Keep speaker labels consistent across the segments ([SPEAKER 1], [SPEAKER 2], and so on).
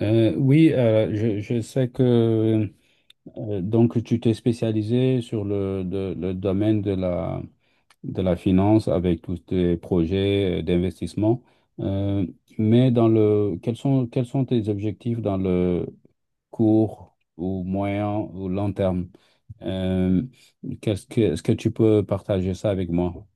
[SPEAKER 1] Oui, je sais que donc tu t'es spécialisé sur le domaine de la finance avec tous tes projets d'investissement. Euh, mais dans le, quels sont tes objectifs dans le court ou moyen ou long terme? Euh, Est-ce que tu peux partager ça avec moi?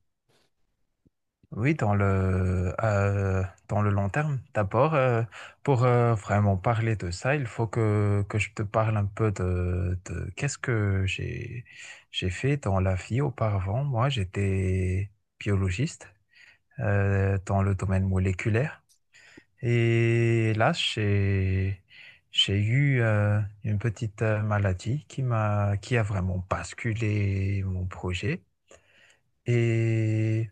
[SPEAKER 2] Oui, dans le long terme. D'abord, pour vraiment parler de ça, il faut que je te parle un peu de j'ai fait dans la vie auparavant. Moi, j'étais biologiste dans le domaine moléculaire. Et là, j'ai eu une petite maladie qui a vraiment basculé mon projet. Et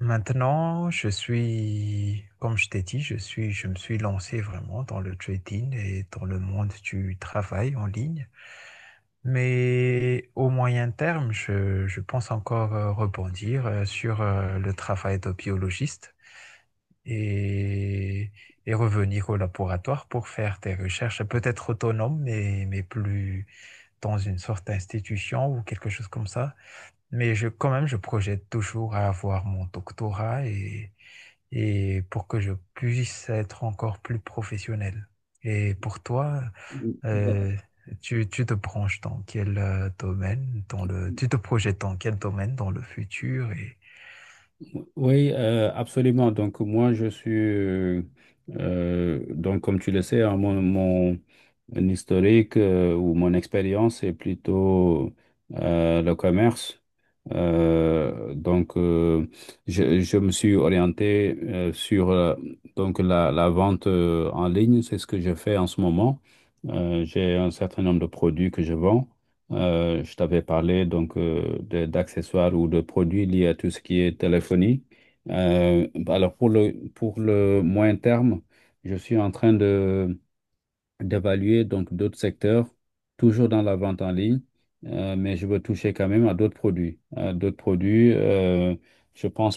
[SPEAKER 2] Maintenant, comme je t'ai dit, je me suis lancé vraiment dans le trading et dans le monde du travail en ligne. Mais au moyen terme, je pense encore rebondir sur le travail de biologiste et, et revenir au laboratoire pour faire des recherches peut-être autonomes, mais plus dans une sorte d'institution ou quelque chose comme ça. Quand même, je projette toujours à avoir mon doctorat et pour que je puisse être encore plus professionnel. Et pour toi, euh, tu te branches dans quel domaine, tu te projettes dans quel domaine dans le futur et
[SPEAKER 1] Oui, absolument. Donc moi, donc comme tu le sais, hein, mon historique ou mon expérience est plutôt le commerce. Euh, donc, euh, je me suis orienté sur donc la vente en ligne. C'est ce que je fais en ce moment. J'ai un certain nombre de produits que je vends. Je t'avais parlé donc d'accessoires ou de produits liés à tout ce qui est téléphonie. Alors pour le moyen terme, je suis en train de d'évaluer donc d'autres secteurs, toujours dans la vente en ligne, mais je veux toucher quand même à d'autres produits. Je pense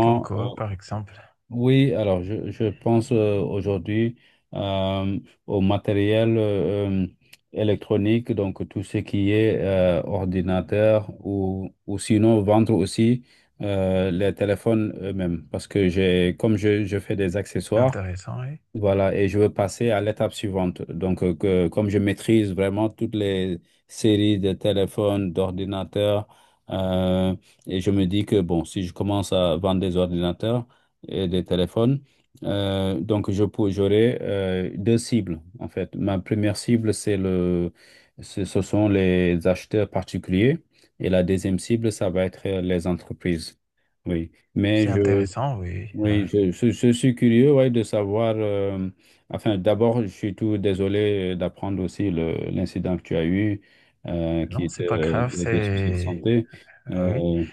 [SPEAKER 2] comme quoi, par exemple.
[SPEAKER 1] oui, alors je pense aujourd'hui euh, au matériel électronique, donc tout ce qui est ordinateur ou sinon vendre aussi les téléphones eux-mêmes parce que je fais des accessoires.
[SPEAKER 2] Intéressant, oui.
[SPEAKER 1] Voilà, et je veux passer à l'étape suivante. Donc, comme je maîtrise vraiment toutes les séries de téléphones, d'ordinateurs, euh, et je me dis que, bon, si je commence à vendre des ordinateurs et des téléphones, donc j'aurai deux cibles, en fait. Ma première cible, c'est le, ce ce sont les acheteurs particuliers, et la deuxième cible, ça va être les entreprises. Oui, mais
[SPEAKER 2] C'est
[SPEAKER 1] je, mhm.
[SPEAKER 2] intéressant, oui.
[SPEAKER 1] Oui, je suis curieux, ouais, de savoir. Enfin, d'abord, je suis tout désolé d'apprendre aussi l'incident que tu as eu, qui
[SPEAKER 2] Non, c'est
[SPEAKER 1] était
[SPEAKER 2] pas grave,
[SPEAKER 1] des soucis de
[SPEAKER 2] c'est...
[SPEAKER 1] santé.
[SPEAKER 2] ah oui.
[SPEAKER 1] Euh,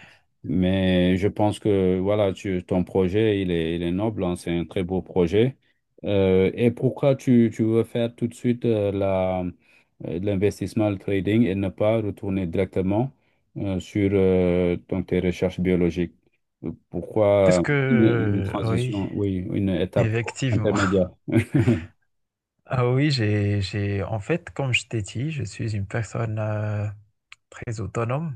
[SPEAKER 1] mais je pense que voilà, ton projet, il est noble, hein, c'est un très beau projet. Et pourquoi tu veux faire tout de suite l'investissement, le trading, et ne pas retourner directement sur donc tes recherches biologiques?
[SPEAKER 2] Parce
[SPEAKER 1] Pourquoi? Une
[SPEAKER 2] que, oui,
[SPEAKER 1] transition, oui, une étape
[SPEAKER 2] effectivement.
[SPEAKER 1] intermédiaire.
[SPEAKER 2] Ah oui, j'ai, en fait, comme je t'ai dit, je suis une personne très autonome.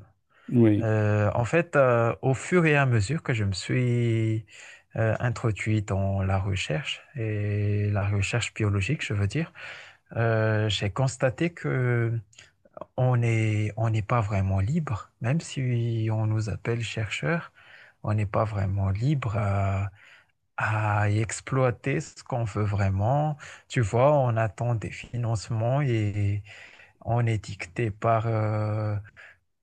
[SPEAKER 1] Oui,
[SPEAKER 2] Au fur et à mesure que je me suis introduit dans la recherche et la recherche biologique, je veux dire, j'ai constaté que on est, on n'est pas vraiment libre, même si on nous appelle chercheurs, on n'est pas vraiment libre à y exploiter ce qu'on veut vraiment. Tu vois, on attend des financements et on est dicté par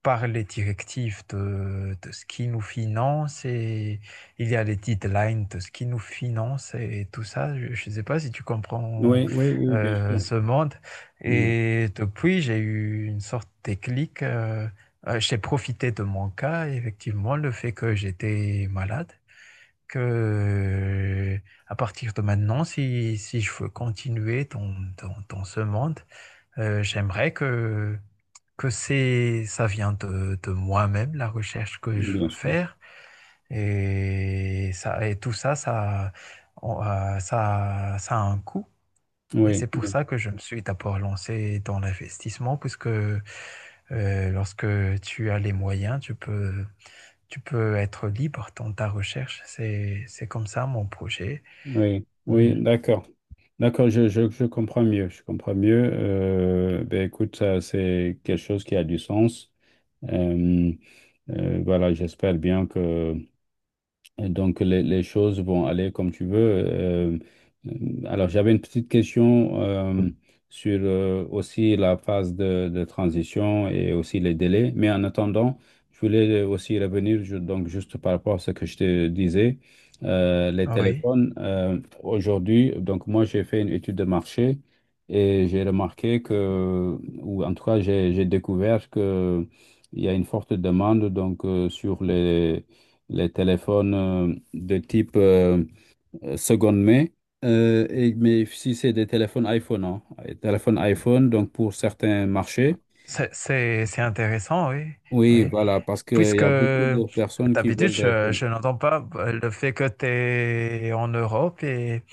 [SPEAKER 2] par les directives de ce qui nous finance et il y a les deadlines de ce qui nous finance et tout ça. Je ne sais pas si tu comprends
[SPEAKER 1] oui, oui, oui, bien sûr.
[SPEAKER 2] ce monde.
[SPEAKER 1] Mm.
[SPEAKER 2] Et depuis, j'ai eu une sorte de déclic. J'ai profité de mon cas, effectivement, le fait que j'étais malade, que à partir de maintenant, si je veux continuer dans ce monde, j'aimerais que ça vient de moi-même, la recherche que je
[SPEAKER 1] Bien
[SPEAKER 2] veux
[SPEAKER 1] sûr.
[SPEAKER 2] faire. Et tout ça, ça a un coût. Et
[SPEAKER 1] Oui,
[SPEAKER 2] c'est pour
[SPEAKER 1] oui,
[SPEAKER 2] ça que je me suis d'abord lancé dans l'investissement, puisque lorsque tu as les moyens, tu peux être libre dans ta recherche. C'est comme ça mon projet.
[SPEAKER 1] oui,
[SPEAKER 2] Mm.
[SPEAKER 1] oui, d'accord. D'accord, je comprends mieux. Je comprends mieux. Ben écoute, ça, c'est quelque chose qui a du sens. Euh, voilà, j'espère bien que et donc, les choses vont aller comme tu veux. Euh, alors, j'avais une petite question sur aussi la phase de transition et aussi les délais. Mais en attendant, je voulais aussi revenir donc juste par rapport à ce que je te disais. Les
[SPEAKER 2] Oui,
[SPEAKER 1] téléphones, aujourd'hui, donc moi, j'ai fait une étude de marché et j'ai remarqué que, ou en tout cas, j'ai découvert que il y a une forte demande donc sur les téléphones de type seconde main. Mais si c'est des téléphones iPhone, hein, les téléphones iPhone, donc pour certains marchés,
[SPEAKER 2] c'est intéressant, oui.
[SPEAKER 1] oui,
[SPEAKER 2] Oui.
[SPEAKER 1] voilà, parce qu'il y
[SPEAKER 2] Puisque
[SPEAKER 1] a beaucoup de personnes qui
[SPEAKER 2] d'habitude,
[SPEAKER 1] veulent des iPhones.
[SPEAKER 2] je n'entends pas le fait que tu es en Europe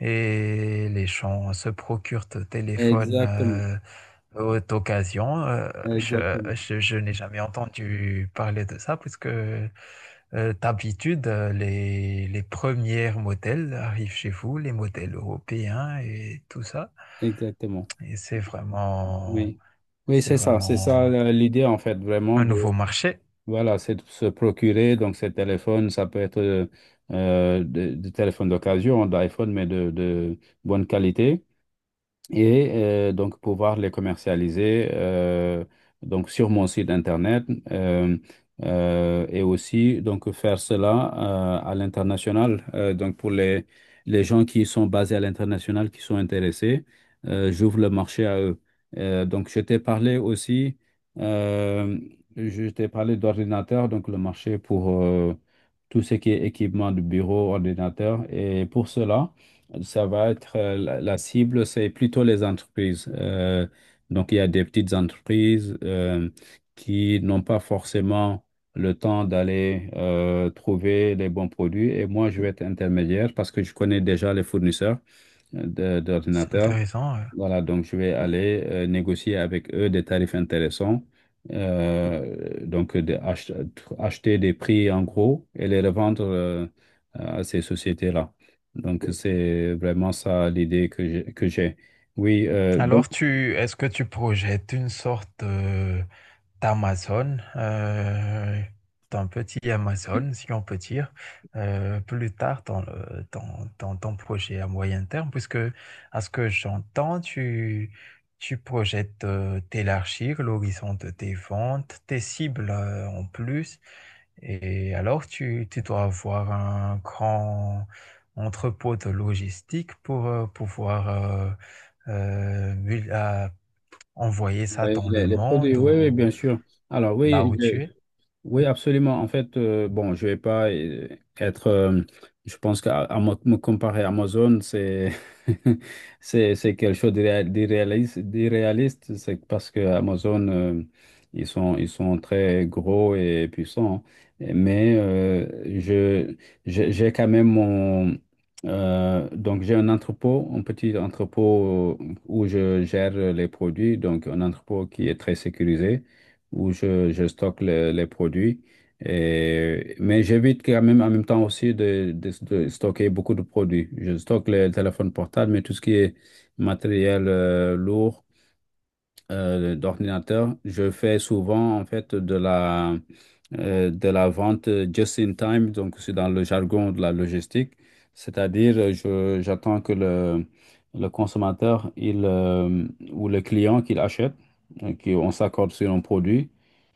[SPEAKER 2] et les gens se procurent ton téléphone
[SPEAKER 1] Exactement,
[SPEAKER 2] haute occasion.
[SPEAKER 1] exactement,
[SPEAKER 2] Je n'ai jamais entendu parler de ça, puisque d'habitude, les premiers modèles arrivent chez vous, les modèles européens et tout ça.
[SPEAKER 1] exactement.
[SPEAKER 2] Et
[SPEAKER 1] Oui, oui,
[SPEAKER 2] c'est
[SPEAKER 1] c'est ça, c'est ça
[SPEAKER 2] vraiment
[SPEAKER 1] euh, l'idée en fait, vraiment
[SPEAKER 2] un
[SPEAKER 1] de,
[SPEAKER 2] nouveau marché.
[SPEAKER 1] voilà, c'est de se procurer donc ces téléphones, ça peut être des téléphones d'occasion, d'iPhone, mais de bonne qualité. Et donc pouvoir les commercialiser donc sur mon site internet, euh, et aussi donc faire cela à l'international. Donc pour les gens qui sont basés à l'international, qui sont intéressés, j'ouvre le marché à eux. Donc je t'ai parlé aussi, euh, je t'ai parlé d'ordinateur, donc le marché pour tout ce qui est équipement de bureau, ordinateur, et pour cela ça va être la cible, c'est plutôt les entreprises. Donc, il y a des petites entreprises qui n'ont pas forcément le temps d'aller trouver les bons produits. Et moi, je vais être intermédiaire parce que je connais déjà les fournisseurs
[SPEAKER 2] C'est
[SPEAKER 1] d'ordinateur.
[SPEAKER 2] intéressant.
[SPEAKER 1] Voilà, donc je vais aller négocier avec eux des tarifs intéressants. Euh, donc de ach- Acheter des prix en gros et les revendre à ces sociétés-là. Donc c'est vraiment ça l'idée que j'ai. Oui, donc
[SPEAKER 2] Alors, est-ce que tu projettes une sorte d'Amazon, d'un petit Amazon, si on peut dire, plus tard dans ton projet à moyen terme, puisque à ce que j'entends, tu projettes d'élargir l'horizon de tes ventes, tes cibles en plus, et alors tu dois avoir un grand entrepôt de logistique pour à envoyer ça
[SPEAKER 1] ouais,
[SPEAKER 2] dans le
[SPEAKER 1] les produits,
[SPEAKER 2] monde
[SPEAKER 1] oui, oui,
[SPEAKER 2] ou
[SPEAKER 1] bien sûr. Alors
[SPEAKER 2] là où
[SPEAKER 1] oui,
[SPEAKER 2] tu es?
[SPEAKER 1] oui, absolument. En fait, bon, je vais pas être. Je pense qu'à à mo- me comparer à Amazon, c'est c'est quelque chose d'irréaliste. C'est parce que Amazon, ils sont très gros et puissants. Mais je j'ai quand même mon donc j'ai un entrepôt, un petit entrepôt où je gère les produits. Donc un entrepôt qui est très sécurisé où je stocke les produits. Mais j'évite quand même en même temps aussi de stocker beaucoup de produits. Je stocke les téléphones portables, mais tout ce qui est matériel lourd, d'ordinateur. Je fais souvent en fait de la vente just in time, donc c'est dans le jargon de la logistique, c'est-à-dire j'attends que le consommateur ou le client qu'il achète, qu'on s'accorde sur un produit,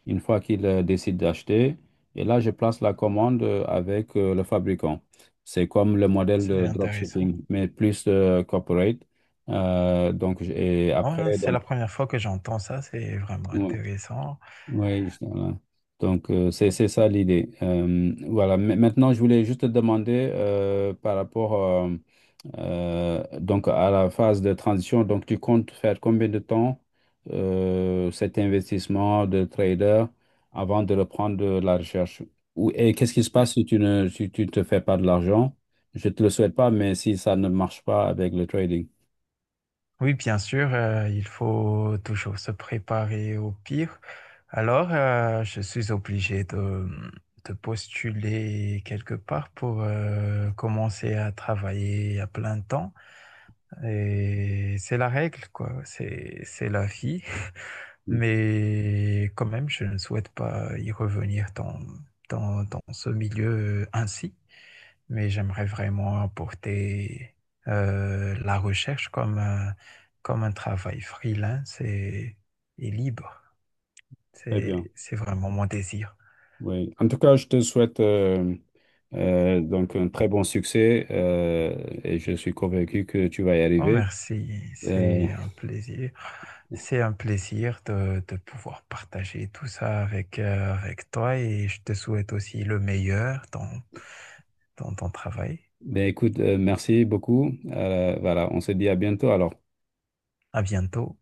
[SPEAKER 1] une fois qu'il décide d'acheter, et là je place la commande avec le fabricant. C'est comme le modèle de
[SPEAKER 2] C'est intéressant.
[SPEAKER 1] dropshipping, mais plus corporate. Et
[SPEAKER 2] Ouais,
[SPEAKER 1] après,
[SPEAKER 2] c'est
[SPEAKER 1] donc,
[SPEAKER 2] la première fois que j'entends ça, c'est vraiment
[SPEAKER 1] ouais.
[SPEAKER 2] intéressant.
[SPEAKER 1] Oui, justement. Donc, c'est ça l'idée. Voilà. Maintenant, je voulais juste te demander par rapport euh, donc à la phase de transition. Donc, tu comptes faire combien de temps cet investissement de trader avant de reprendre de la recherche? Ou, et qu'est-ce qui se passe si tu ne, si tu te fais pas de l'argent? Je te le souhaite pas, mais si ça ne marche pas avec le trading.
[SPEAKER 2] Oui, bien sûr, il faut toujours se préparer au pire. Alors, je suis obligé de postuler quelque part pour commencer à travailler à plein temps. Et c'est la règle, quoi. C'est la vie. Mais quand même, je ne souhaite pas y revenir dans ce milieu ainsi mais j'aimerais vraiment apporter la recherche comme un travail freelance et libre.
[SPEAKER 1] Très bien.
[SPEAKER 2] C'est vraiment mon désir.
[SPEAKER 1] Oui. En tout cas, je te souhaite donc un très bon succès, et je suis convaincu que tu vas y
[SPEAKER 2] Oh,
[SPEAKER 1] arriver.
[SPEAKER 2] merci,
[SPEAKER 1] Euh,
[SPEAKER 2] c'est un plaisir. C'est un plaisir de pouvoir partager tout ça avec, avec toi et je te souhaite aussi le meilleur dans, dans ton travail.
[SPEAKER 1] ben écoute, merci beaucoup. Voilà, on se dit à bientôt alors.
[SPEAKER 2] À bientôt.